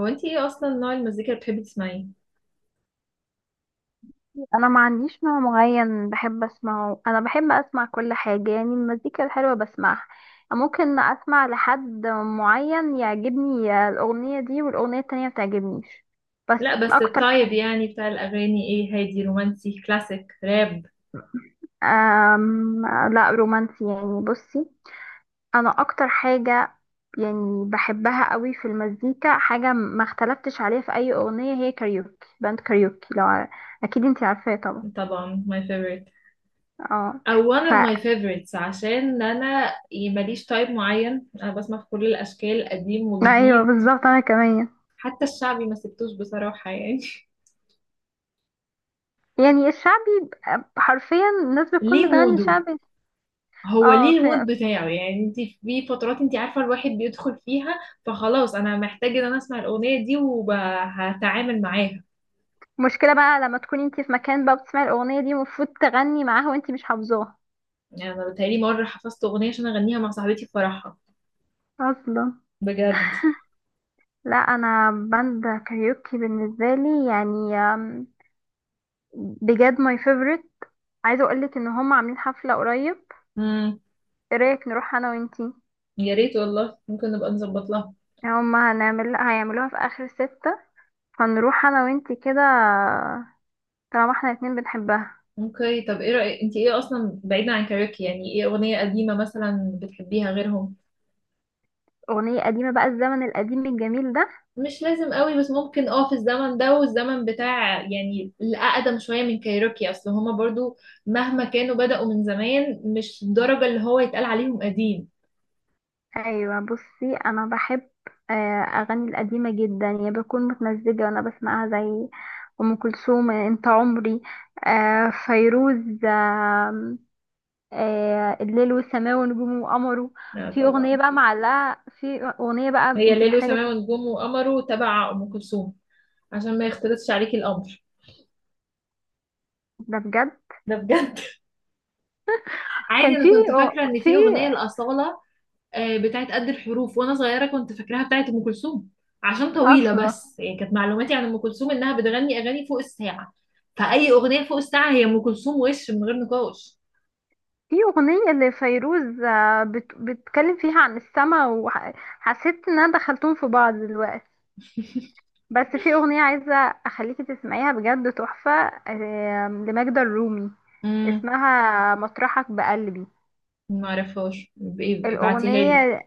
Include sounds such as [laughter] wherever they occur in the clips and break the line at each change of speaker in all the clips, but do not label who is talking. هو انتي ايه اصلا نوع المزيكا اللي بتحبي تسمعيه؟
انا ما عنديش نوع معين بحب اسمعه. انا بحب اسمع كل حاجه، يعني المزيكا الحلوه بسمعها. ممكن اسمع لحد معين، يعجبني الاغنيه دي والاغنيه التانية ما تعجبنيش. بس
لا، بس
اكتر
التايب
حاجه
يعني بتاع الاغاني ايه؟ هادي رومانسي، كلاسيك، راب؟
أم... لا رومانسي يعني بصي. انا اكتر حاجه، يعني بحبها قوي في المزيكا، حاجه ما اختلفتش عليها في اي اغنيه، هي كاريوكي. باند كاريوكي اكيد انتي عارفاه طبعا.
طبعا my favorite،
اه
او one
ف
of my favorites، عشان انا ماليش تايب معين. انا بسمع في كل الاشكال، قديم
ايوه
وجديد.
بالظبط، انا كمان.
حتى الشعبي ما سبتوش بصراحة يعني. [laughs]
يعني الشعبي حرفيا الناس
ليه
بتكون بتغني
موده؟
شعبي.
هو
اه
ليه
في
المود بتاعه؟ يعني انت في فترات انت عارفة الواحد بيدخل فيها، فخلاص انا محتاج ان انا اسمع الاغنية دي وهتعامل معاها.
مشكلة بقى لما تكوني انتي في مكان بقى، بتسمعي الأغنية دي، المفروض تغني معاها وانتي مش حافظاها.
يعني انا بتهيألي مرة حفظت اغنية عشان اغنيها مع صاحبتي في فرحها،
اصلا،
بجد.
لا انا باند كاريوكي بالنسبة لي يعني بجد ماي فيفورت. عايزة اقولك ان هم عاملين حفلة قريب.
امم.
ايه رأيك نروح انا وانتي؟
يا ريت والله، ممكن نبقى نظبط لها.
يعني هم هنعمل هيعملوها في اخر ستة، فنروح انا وانتي كده، طالما احنا الاتنين بنحبها.
اوكي، طب ايه رأيك؟ انت ايه اصلا بعيدا عن كاريوكي؟ يعني ايه اغنية قديمة مثلا بتحبيها غيرهم؟
أغنية قديمة بقى، الزمن القديم الجميل ده.
مش لازم قوي بس ممكن اه في الزمن ده والزمن بتاع يعني الاقدم شوية من كايروكي، اصل هما برضو مهما كانوا بدأوا من زمان مش الدرجة اللي هو يتقال عليهم قديم.
ايوه بصي انا بحب اغاني القديمه جدا، يعني بكون متمزجه وانا بسمعها زي ام كلثوم انت عمري، فيروز، آم، آه، الليل والسماء ونجوم وقمره.
لا
في اغنيه
طبعا.
بقى معلقه، في اغنيه بقى
هي
انت
ليل
محتاجه
وسماء
تسمعي،
ونجوم وقمر تبع ام كلثوم، عشان ما يختلطش عليكي الامر.
ده بجد.
ده بجد. عادي،
كان
انا
في
كنت فاكره ان
في
في اغنيه لاصاله بتاعت قد الحروف وانا صغيره كنت فاكراها بتاعت ام كلثوم، عشان طويله.
اصلا
بس يعني كانت معلوماتي عن ام كلثوم انها بتغني اغاني فوق الساعه، فاي اغنيه فوق الساعه هي ام كلثوم وش من غير نقاش.
في اغنيه لفيروز بتتكلم فيها عن السماء، وحسيت ان انا دخلتهم في بعض دلوقتي.
[laughs]
بس في اغنية عايزة اخليكي تسمعيها، بجد تحفة. لماجدة الرومي،
امم.
اسمها مطرحك بقلبي.
ما اعرفهاش، بايه؟ ابعتيها لي.
الاغنية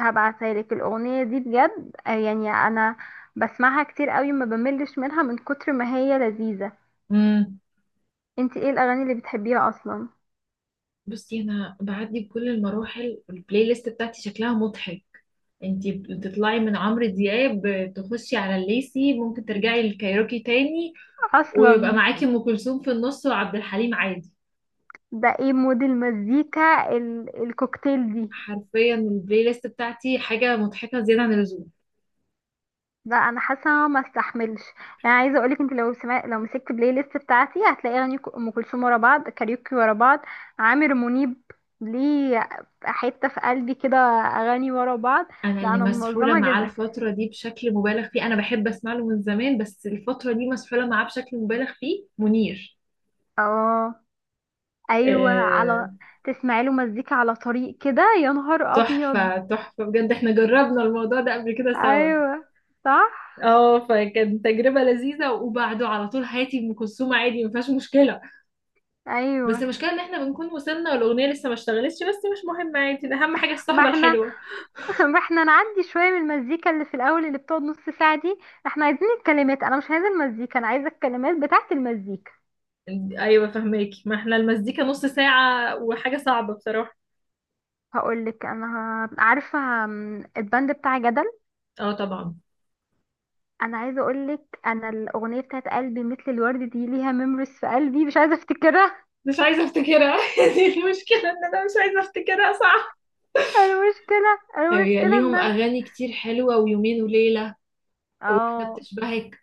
هبعتها لك، الاغنية دي بجد، يعني انا بسمعها كتير قوي، ما بملش منها من كتر ما هي لذيذة.
امم.
انت ايه الاغاني اللي بتحبيها اصلا؟
بصي انا بعدي بكل المراحل، البلاي ليست بتاعتي شكلها مضحك. انتي بتطلعي من عمرو دياب تخشي على الليسي، ممكن ترجعي للكايروكي تاني، ويبقى
اصلا
معاكي ام كلثوم في النص وعبد الحليم عادي.
ده ايه مود المزيكا الكوكتيل دي.
حرفيا البلاي ليست بتاعتي حاجه مضحكه زياده عن اللزوم.
لا انا حاسه إن أنا ما استحملش. انا عايزه اقولك، انت لو مسكت بلاي ليست بتاعتي هتلاقي اغاني ام كلثوم ورا بعض، كاريوكي ورا بعض، عامر منيب، ليه، حته في قلبي كده اغاني ورا بعض.
انا
لا
اللي
انا
مسحوله
منظمه
معاه
جدا.
الفتره دي بشكل مبالغ فيه، انا بحب اسمع له من زمان بس الفتره دي مسحوله معاه بشكل مبالغ فيه، منير.
اه، ايوه،
آه،
على تسمعي له مزيكا على طريق كده يا نهار ابيض.
تحفه تحفه بجد. احنا جربنا الموضوع ده قبل كده سوا.
ايوه، صح،
اه، فكانت تجربه لذيذه، وبعده على طول حياتي ام كلثوم عادي، ما فيهاش مشكله. بس
ايوه،
المشكله ان احنا بنكون وصلنا والاغنيه لسه ما اشتغلتش، بس مش مهم، عادي، اهم حاجه
ما
الصحبه
احنا
الحلوه.
[laughs] احنا نعدي شوية من المزيكا اللي في الأول اللي بتقعد نص ساعة دي. احنا عايزين الكلمات، أنا مش عايزة المزيكا، أنا عايزة الكلمات بتاعة المزيكا.
ايوه فهماكي، ما احنا المزيكا نص ساعة وحاجة صعبة بصراحة.
هقولك أنا، عارفة، الباند بتاع جدل،
اه طبعا.
أنا عايزة أقولك، أنا الأغنية بتاعة قلبي مثل الورد دي ليها ميموريز في قلبي، مش عايزة أفتكرها.
مش عايزة افتكرها. [laughs] دي المشكلة ان انا مش عايزة افتكرها، صح.
[laughs] المشكلة
هي
المشكلة إن
ليهم
أنا،
اغاني كتير حلوة، ويومين وليلة، وواحدة
اه،
بتشبهك،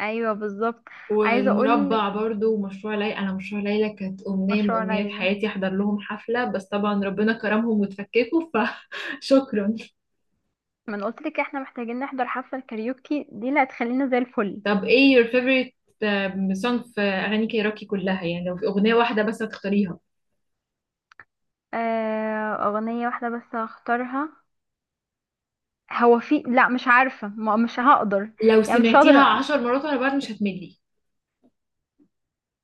أيوه بالظبط، عايزة أقولك
والمربع برضو، ومشروع ليلى. انا مشروع ليلى كانت امنية من
مشروع
امنيات
ليلى.
حياتي احضر لهم حفلة، بس طبعا ربنا كرمهم وتفككوا، فشكرا.
ما أنا قلتلك احنا محتاجين نحضر حفلة كاريوكي دي اللي هتخلينا زي
[laughs]
الفل.
طب ايه your favorite song في اغاني كايروكي كلها؟ يعني لو في اغنية واحدة بس هتختاريها.
أغنية واحدة بس هختارها؟ هو في، لا مش عارفة، مش هقدر.
لو
يعني مش
سمعتيها
هقدر.
عشر مرات ورا بعض مش هتملي.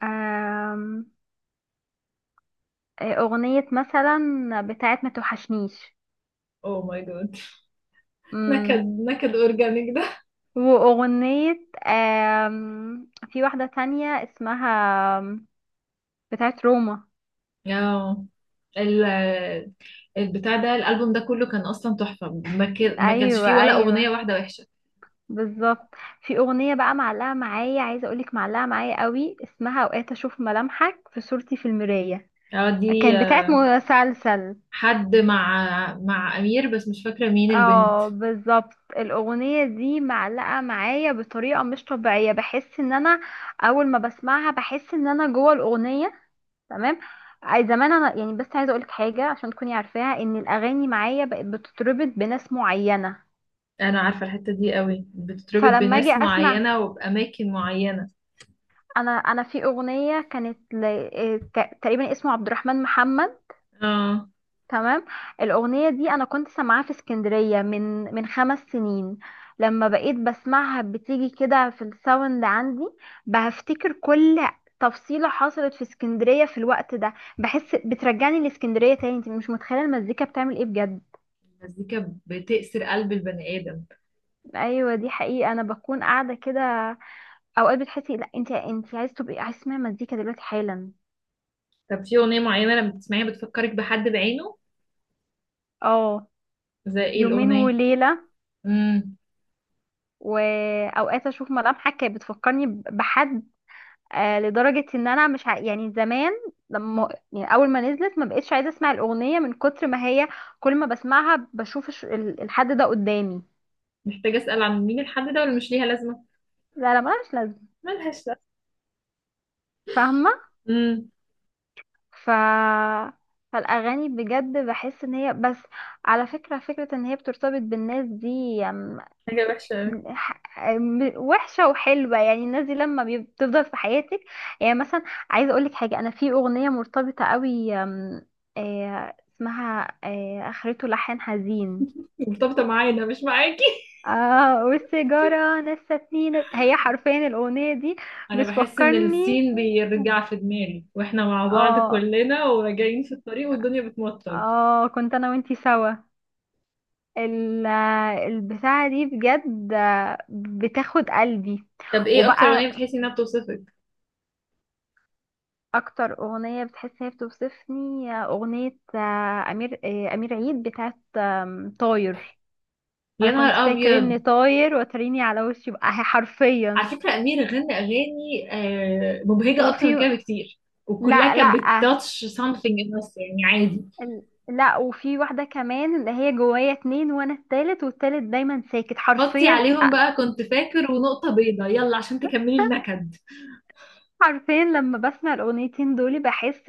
آم، آه، أغنية مثلا بتاعت ما توحشنيش.
اوه ماي جاد. نكد.
مم.
نكد اورجانيك ده.
وأغنية، في واحدة تانية اسمها آم، بتاعت روما.
اه. ال- البتاع ده الالبوم ده كله كان اصلا تحفه، ما كانش
أيوة
فيه ولا اغنيه
أيوة،
واحده وحشه.
بالظبط. في أغنية بقى معلقة معايا، عايزة أقولك، معلقة معايا قوي، اسمها أوقات أشوف ملامحك في صورتي في المراية.
اه دي
كان بتاعت مسلسل.
حد مع، مع امير بس مش فاكره مين البنت.
اه بالظبط، الاغنيه دي معلقه معايا بطريقه مش طبيعيه، بحس ان انا اول ما بسمعها بحس ان انا جوه الاغنيه. تمام. اي زمان انا يعني، بس عايزه اقولك حاجه عشان تكوني عارفاها، ان الاغاني معايا بقت بتتربط بناس معينه.
انا عارفه الحته دي قوي، بتتربط
فلما اجي
بناس
اسمع،
معينه وباماكن معينه.
انا في اغنيه كانت تقريبا اسمه عبد الرحمن محمد.
اه.
تمام. الأغنية دي أنا كنت سامعاها في اسكندرية من 5 سنين. لما بقيت بسمعها بتيجي كده في الساوند عندي، بفتكر كل تفصيلة حصلت في اسكندرية في الوقت ده. بحس بترجعني لاسكندرية تاني، انت مش متخيلة المزيكا بتعمل ايه بجد.
المزيكا بتأسر قلب البني ادم.
ايوه دي حقيقة، انا بكون قاعدة كده اوقات بتحسي، لا انت عايز تبقي، عايز تسمعي مزيكا دلوقتي حالا.
طب في اغنيه معينه لما بتسمعيها بتفكرك بحد بعينه؟
اه،
زي ايه
يومين
الاغنيه؟
وليلة،
امم.
واوقات اشوف ملامحك كانت بتفكرني بحد. آه لدرجة ان انا مش ع... يعني زمان لما يعني اول ما نزلت ما بقتش عايزة اسمع الاغنية من كتر ما هي كل ما بسمعها بشوف الحد ده قدامي.
محتاجة أسأل عن مين الحد ده ولا مش ليها لازمة؟
لا لا ملهاش لازمة،
ملهاش لازمة.
فاهمة.
امم.
ف فالاغاني بجد بحس ان هي بس على فكرة، فكرة ان هي بترتبط بالناس دي.
حاجة وحشة أوي.
وحشة وحلوة، يعني الناس دي لما بتفضل في حياتك. يعني مثلا، عايزة اقولك حاجة، انا في اغنية مرتبطة قوي، أم، آه، اسمها اخرته لحن حزين.
مرتبطة معايا أنا مش معاكي. [laughs]
اه والسيجارة نستني هي حرفيا الاغنية دي
أنا بحس إن
بتفكرني.
السين بيرجع في دماغي، وإحنا مع بعض
اه
كلنا وراجعين في الطريق والدنيا بتمطر.
اه، كنت انا وانتي سوا. ال- البتاعة دي بجد، بتاخد قلبي.
طب إيه أكتر أغنية
وبقى،
بتحسي إنها بتوصفك؟
اكتر اغنيه بتحس هي بتوصفني اغنيه، امير عيد بتاعت طاير. انا
يا
كنت
نهار
فاكر اني
أبيض.
طاير، وتريني على وشي بقى
على
حرفيا.
فكرة أمير غنى أغاني مبهجة أكتر
وفي،
من كده بكتير، وكلها
لا لا،
كانت بتاتش سامثينج النص يعني، عادي.
ال- لا وفي واحده كمان اللي هي جوايا اتنين، وانا التالت، والتالت دايما ساكت
حطي
حرفيا
عليهم بقى كنت فاكر ونقطة بيضة، يلا عشان تكملي
[laughs]
النكد.
حرفيا لما بسمع الاغنيتين دول بحس،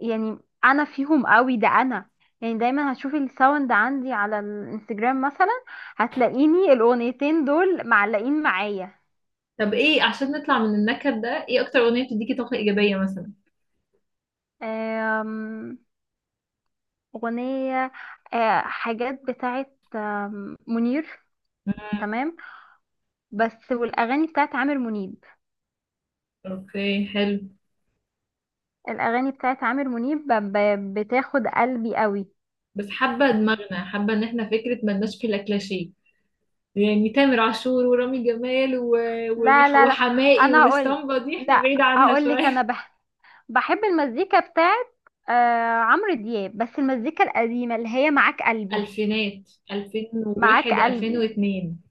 يعني انا فيهم قوي، ده انا يعني دايما هتشوفي الساوند عندي على الانستجرام مثلا، هتلاقيني الاغنيتين دول معلقين معايا.
طب ايه عشان نطلع من النكد ده؟ ايه اكتر اغنية بتديكي طاقة ايجابية مثلا؟
آم، اغنية حاجات بتاعت منير،
مم.
تمام. بس والاغاني بتاعت عامر منيب،
اوكي، حلو.
الاغاني بتاعت عامر منيب بتاخد قلبي قوي.
بس حابة دماغنا حابة ان احنا فكرة ملناش في الكلاشيه. يعني تامر عاشور ورامي جمال و...
لا لا لا،
وحماقي
انا هقول،
والاسطمبة دي احنا
لا
بعيد عنها
هقول لك
شوية.
انا بحب المزيكا بتاعت آه عمرو دياب، بس المزيكا القديمة اللي هي معاك
[laughs]
قلبي،
الفينات
معاك
2001،
قلبي.
2002.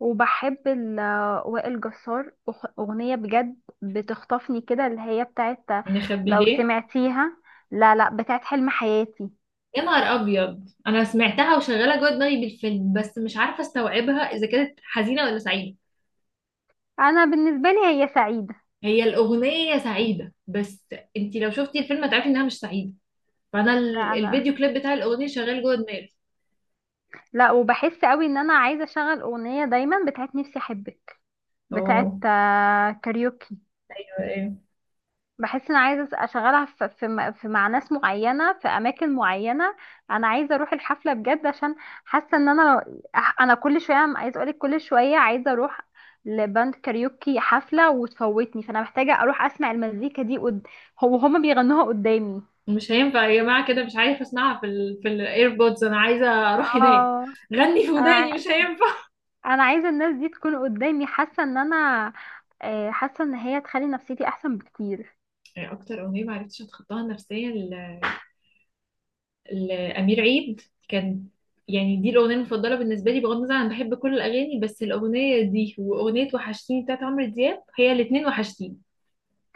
وبحب وائل جسار، أغنية بجد بتخطفني كده اللي هي بتاعت،
نخبي
لو
ليه؟
سمعتيها. لا لا، بتاعت حلم حياتي.
يا نهار ابيض. انا سمعتها وشغالة جوه دماغي بالفيلم، بس مش عارفة استوعبها اذا كانت حزينة ولا سعيدة.
أنا بالنسبة لي هي سعيدة.
هي الأغنية سعيدة، بس انت لو شفتي الفيلم هتعرفي انها مش سعيدة. فانا
لا أنا،
الفيديو كليب بتاع الأغنية شغال جوه دماغي.
لا وبحس قوي ان انا عايزه اشغل اغنيه دايما بتاعت نفسي احبك بتاعت
اوه.
كاريوكي.
ايوه ايوه.
بحس انا عايزه اشغلها في مع ناس معينه في اماكن معينه. انا عايزه اروح الحفله بجد، عشان حاسه ان انا كل شويه، عايزه اقولك كل شويه عايزه اروح لباند كاريوكي حفله وتفوتني، فانا محتاجه اروح اسمع المزيكا دي هو هما بيغنوها قدامي.
مش هينفع يا جماعة كده، مش عارفة اسمعها في في الايربودز، انا عايزة اروح هناك.
اه
غني في
انا
وداني
ع-
مش هينفع.
انا عايزه الناس دي تكون قدامي، حاسه ان انا حاسه ان هي تخلي نفسيتي احسن بكتير.
يعني اكتر أغنية ما عرفتش اتخطاها نفسيا لأمير عيد كان، يعني دي الأغنية المفضلة بالنسبة لي، بغض النظر انا بحب كل الأغاني بس الأغنية دي وأغنية وحشتيني بتاعت عمرو دياب هي الاتنين. وحشتيني.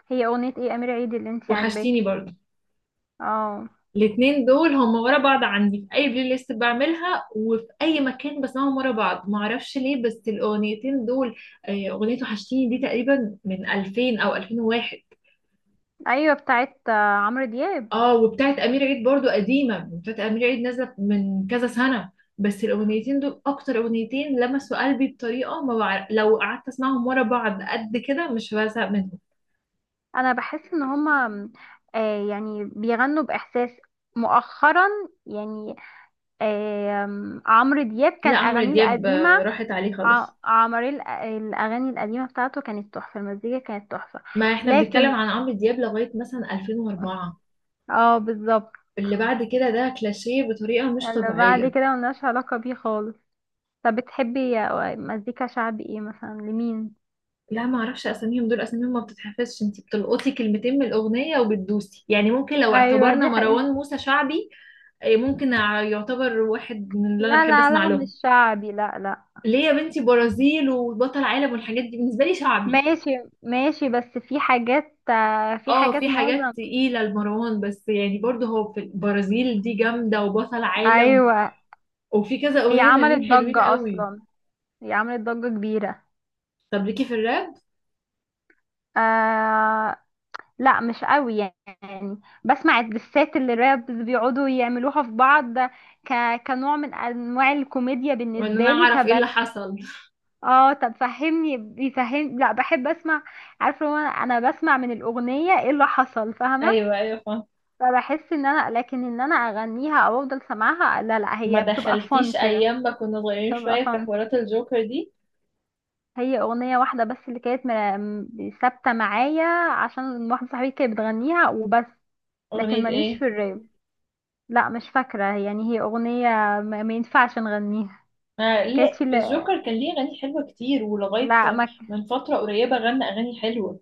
هي اغنيه ايه امير عيد اللي انتي
وحشتيني
عاجباكي؟
برضه.
اه
الاتنين دول هم ورا بعض عندي في اي بلاي ليست بعملها، وفي اي مكان بسمعهم ورا بعض، ما اعرفش ليه، بس الاغنيتين دول. اغنية وحشتيني دي تقريبا من 2000 او 2001.
ايوه بتاعت عمرو دياب.
اه، وبتاعت امير عيد برضو قديمة، بتاعت امير عيد نازلة من كذا سنة. بس الاغنيتين دول اكتر اغنيتين لمسوا قلبي بطريقة ما بعرف، لو قعدت اسمعهم ورا بعض قد كده مش بزهق منهم.
انا بحس ان هما يعني بيغنوا باحساس مؤخرا، يعني عمرو دياب
لا
كان
عمرو
اغانيه
دياب
القديمه
راحت عليه خالص.
عمرو الاغاني القديمه بتاعته كانت تحفه، المزيكا كانت تحفه.
ما احنا بنتكلم
لكن،
عن عمرو دياب لغاية مثلا 2004،
اه بالظبط،
اللي بعد كده ده كلاشيه بطريقة مش
اللي بعد
طبيعية.
كده ملناش علاقه بيه خالص. طب بتحبي مزيكا شعبي ايه مثلا لمين؟
لا ما اعرفش اساميهم، دول اساميهم ما بتتحفظش، انت بتلقطي كلمتين من الاغنية وبتدوسي. يعني ممكن لو
ايوه
اعتبرنا
دي
مروان
حقيقة،
موسى شعبي، إيه، ممكن يعتبر واحد من اللي انا
لا
بحب
لا
اسمع
لا
لهم.
مش شعبي، لا لا.
ليه يا بنتي؟ برازيل وبطل عالم والحاجات دي بالنسبة لي شعبي.
ماشي ماشي، بس في حاجات، في
اه، في
حاجات
حاجات
معظم.
تقيلة لمروان بس يعني برضه هو في البرازيل دي جامدة وبطل عالم،
ايوه،
وفي كذا
هي
اغنية
عملت
تانيين حلوين
ضجة
قوي.
أصلا، هي عملت ضجة كبيرة.
طب ليكي في الراب؟
آه، لا مش قوي يعني. بسمع الدسات اللي رابز بيقعدوا يعملوها في بعض ك... كنوع من أنواع الكوميديا
وان انا
بالنسبة لي
اعرف ايه اللي حصل.
اه. طب فهمني بيفهم، لا بحب اسمع. عارفه، هو انا أنا بسمع من الاغنيه ايه اللي حصل،
[laughs]
فاهمه.
ايوه ايوه فاهمة.
فبحس ان انا لكن ان انا اغنيها او افضل سامعها، لا لا،
ما
هي بتبقى فن
دخلتيش
كده،
ايام ما كنا صغيرين
بتبقى
شويه في
فن.
حوارات الجوكر دي؟
هي اغنيه واحده بس اللي كانت ثابته معايا، عشان واحده صاحبتي كانت بتغنيها وبس. لكن
اغنيه
ماليش
ايه؟
في الراب. لا مش فاكره يعني، هي اغنيه ما ينفعش نغنيها.
آه
كانت
لا،
في ال-
الجوكر كان ليه اغاني حلوه كتير، ولغايه
لا ما ك-
من فتره قريبه غنى اغاني حلوه.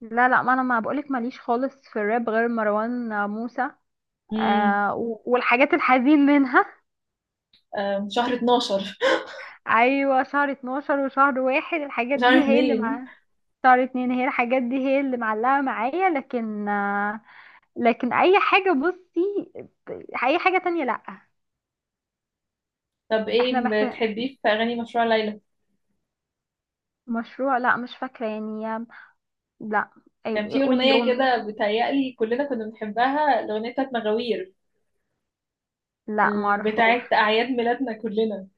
لا لا، ما انا ما بقولك ماليش خالص في الراب غير مروان موسى
امم.
والحاجات الحزين منها. [laughs]
شهر 12. [laughs]
ايوه شهر 12 وشهر واحد، الحاجات
شهر
دي هي اللي
2.
معايا. شهر اتنين هي الحاجات دي هي اللي معلقة معايا، لكن لكن اي حاجة بصي، اي حاجة تانية لا.
طب
احنا
ايه
محتاج
بتحبيه في اغاني مشروع ليلى؟
مشروع لا مش فاكرة يعني، لا
كان في
قولي
اغنيه
لون.
كده بتهيألي كلنا كنا بنحبها، الاغنيه بتاعت مغاوير.
لا معرفوش.
بتاعت اعياد ميلادنا كلنا.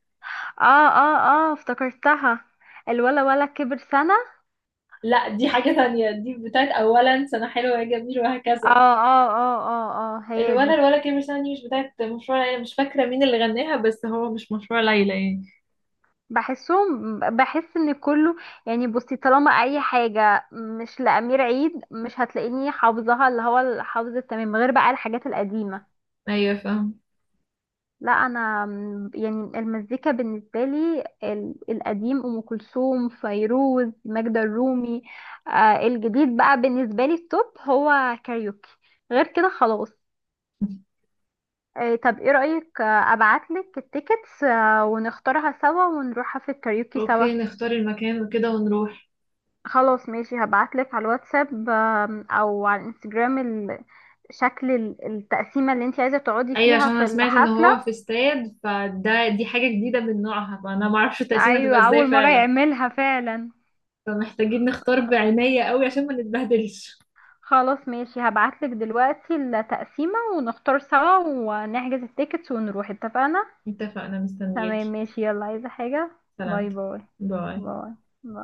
اه اه اه افتكرتها، الولا ولا كبر سنة.
لا دي حاجه تانية، دي بتاعت اولا سنه حلوه يا جميل
اه
وهكذا.
اه اه اه اه، هي دي.
الوانا الولا كبر سنة دي مش بتاعت مشروع ليلى، مش فاكرة مين اللي غناها بس هو مش مشروع ليلى يعني.
بحس ان كله يعني، بصي طالما اي حاجة مش لأمير عيد مش هتلاقيني حافظاها، اللي هو الحافظ التمام غير بقى الحاجات القديمة.
أيوة فاهم.
لا انا يعني المزيكا بالنسبه لي القديم ام كلثوم، فيروز، ماجدة الرومي. الجديد بقى بالنسبه لي التوب هو كاريوكي، غير كده خلاص. طب ايه رايك، ابعتلك التيكتس ونختارها سوا ونروحها في الكاريوكي سوا.
أوكي نختار المكان وكده ونروح.
خلاص ماشي، هبعتلك على الواتساب او على الانستجرام شكل التقسيمه اللي انت عايزه تقعدي
أيوة، عشان
فيها
أنا
في
سمعت إن
الحفله.
هو في استاد، فده دي حاجة جديدة من نوعها، فأنا معرفش التقسيمة هتبقى
ايوه
إزاي
اول مره
فعلا،
يعملها فعلا.
فمحتاجين نختار بعناية قوي عشان ما نتبهدلش.
خلاص ماشي، هبعتلك دلوقتي التقسيمة ونختار سوا ونحجز التيكتس ونروح، اتفقنا؟
اتفقنا،
تمام
مستنياكي.
ماشي، يلا عايزة حاجة؟ باي
سلامتك.
باي.
باي.
باي باي.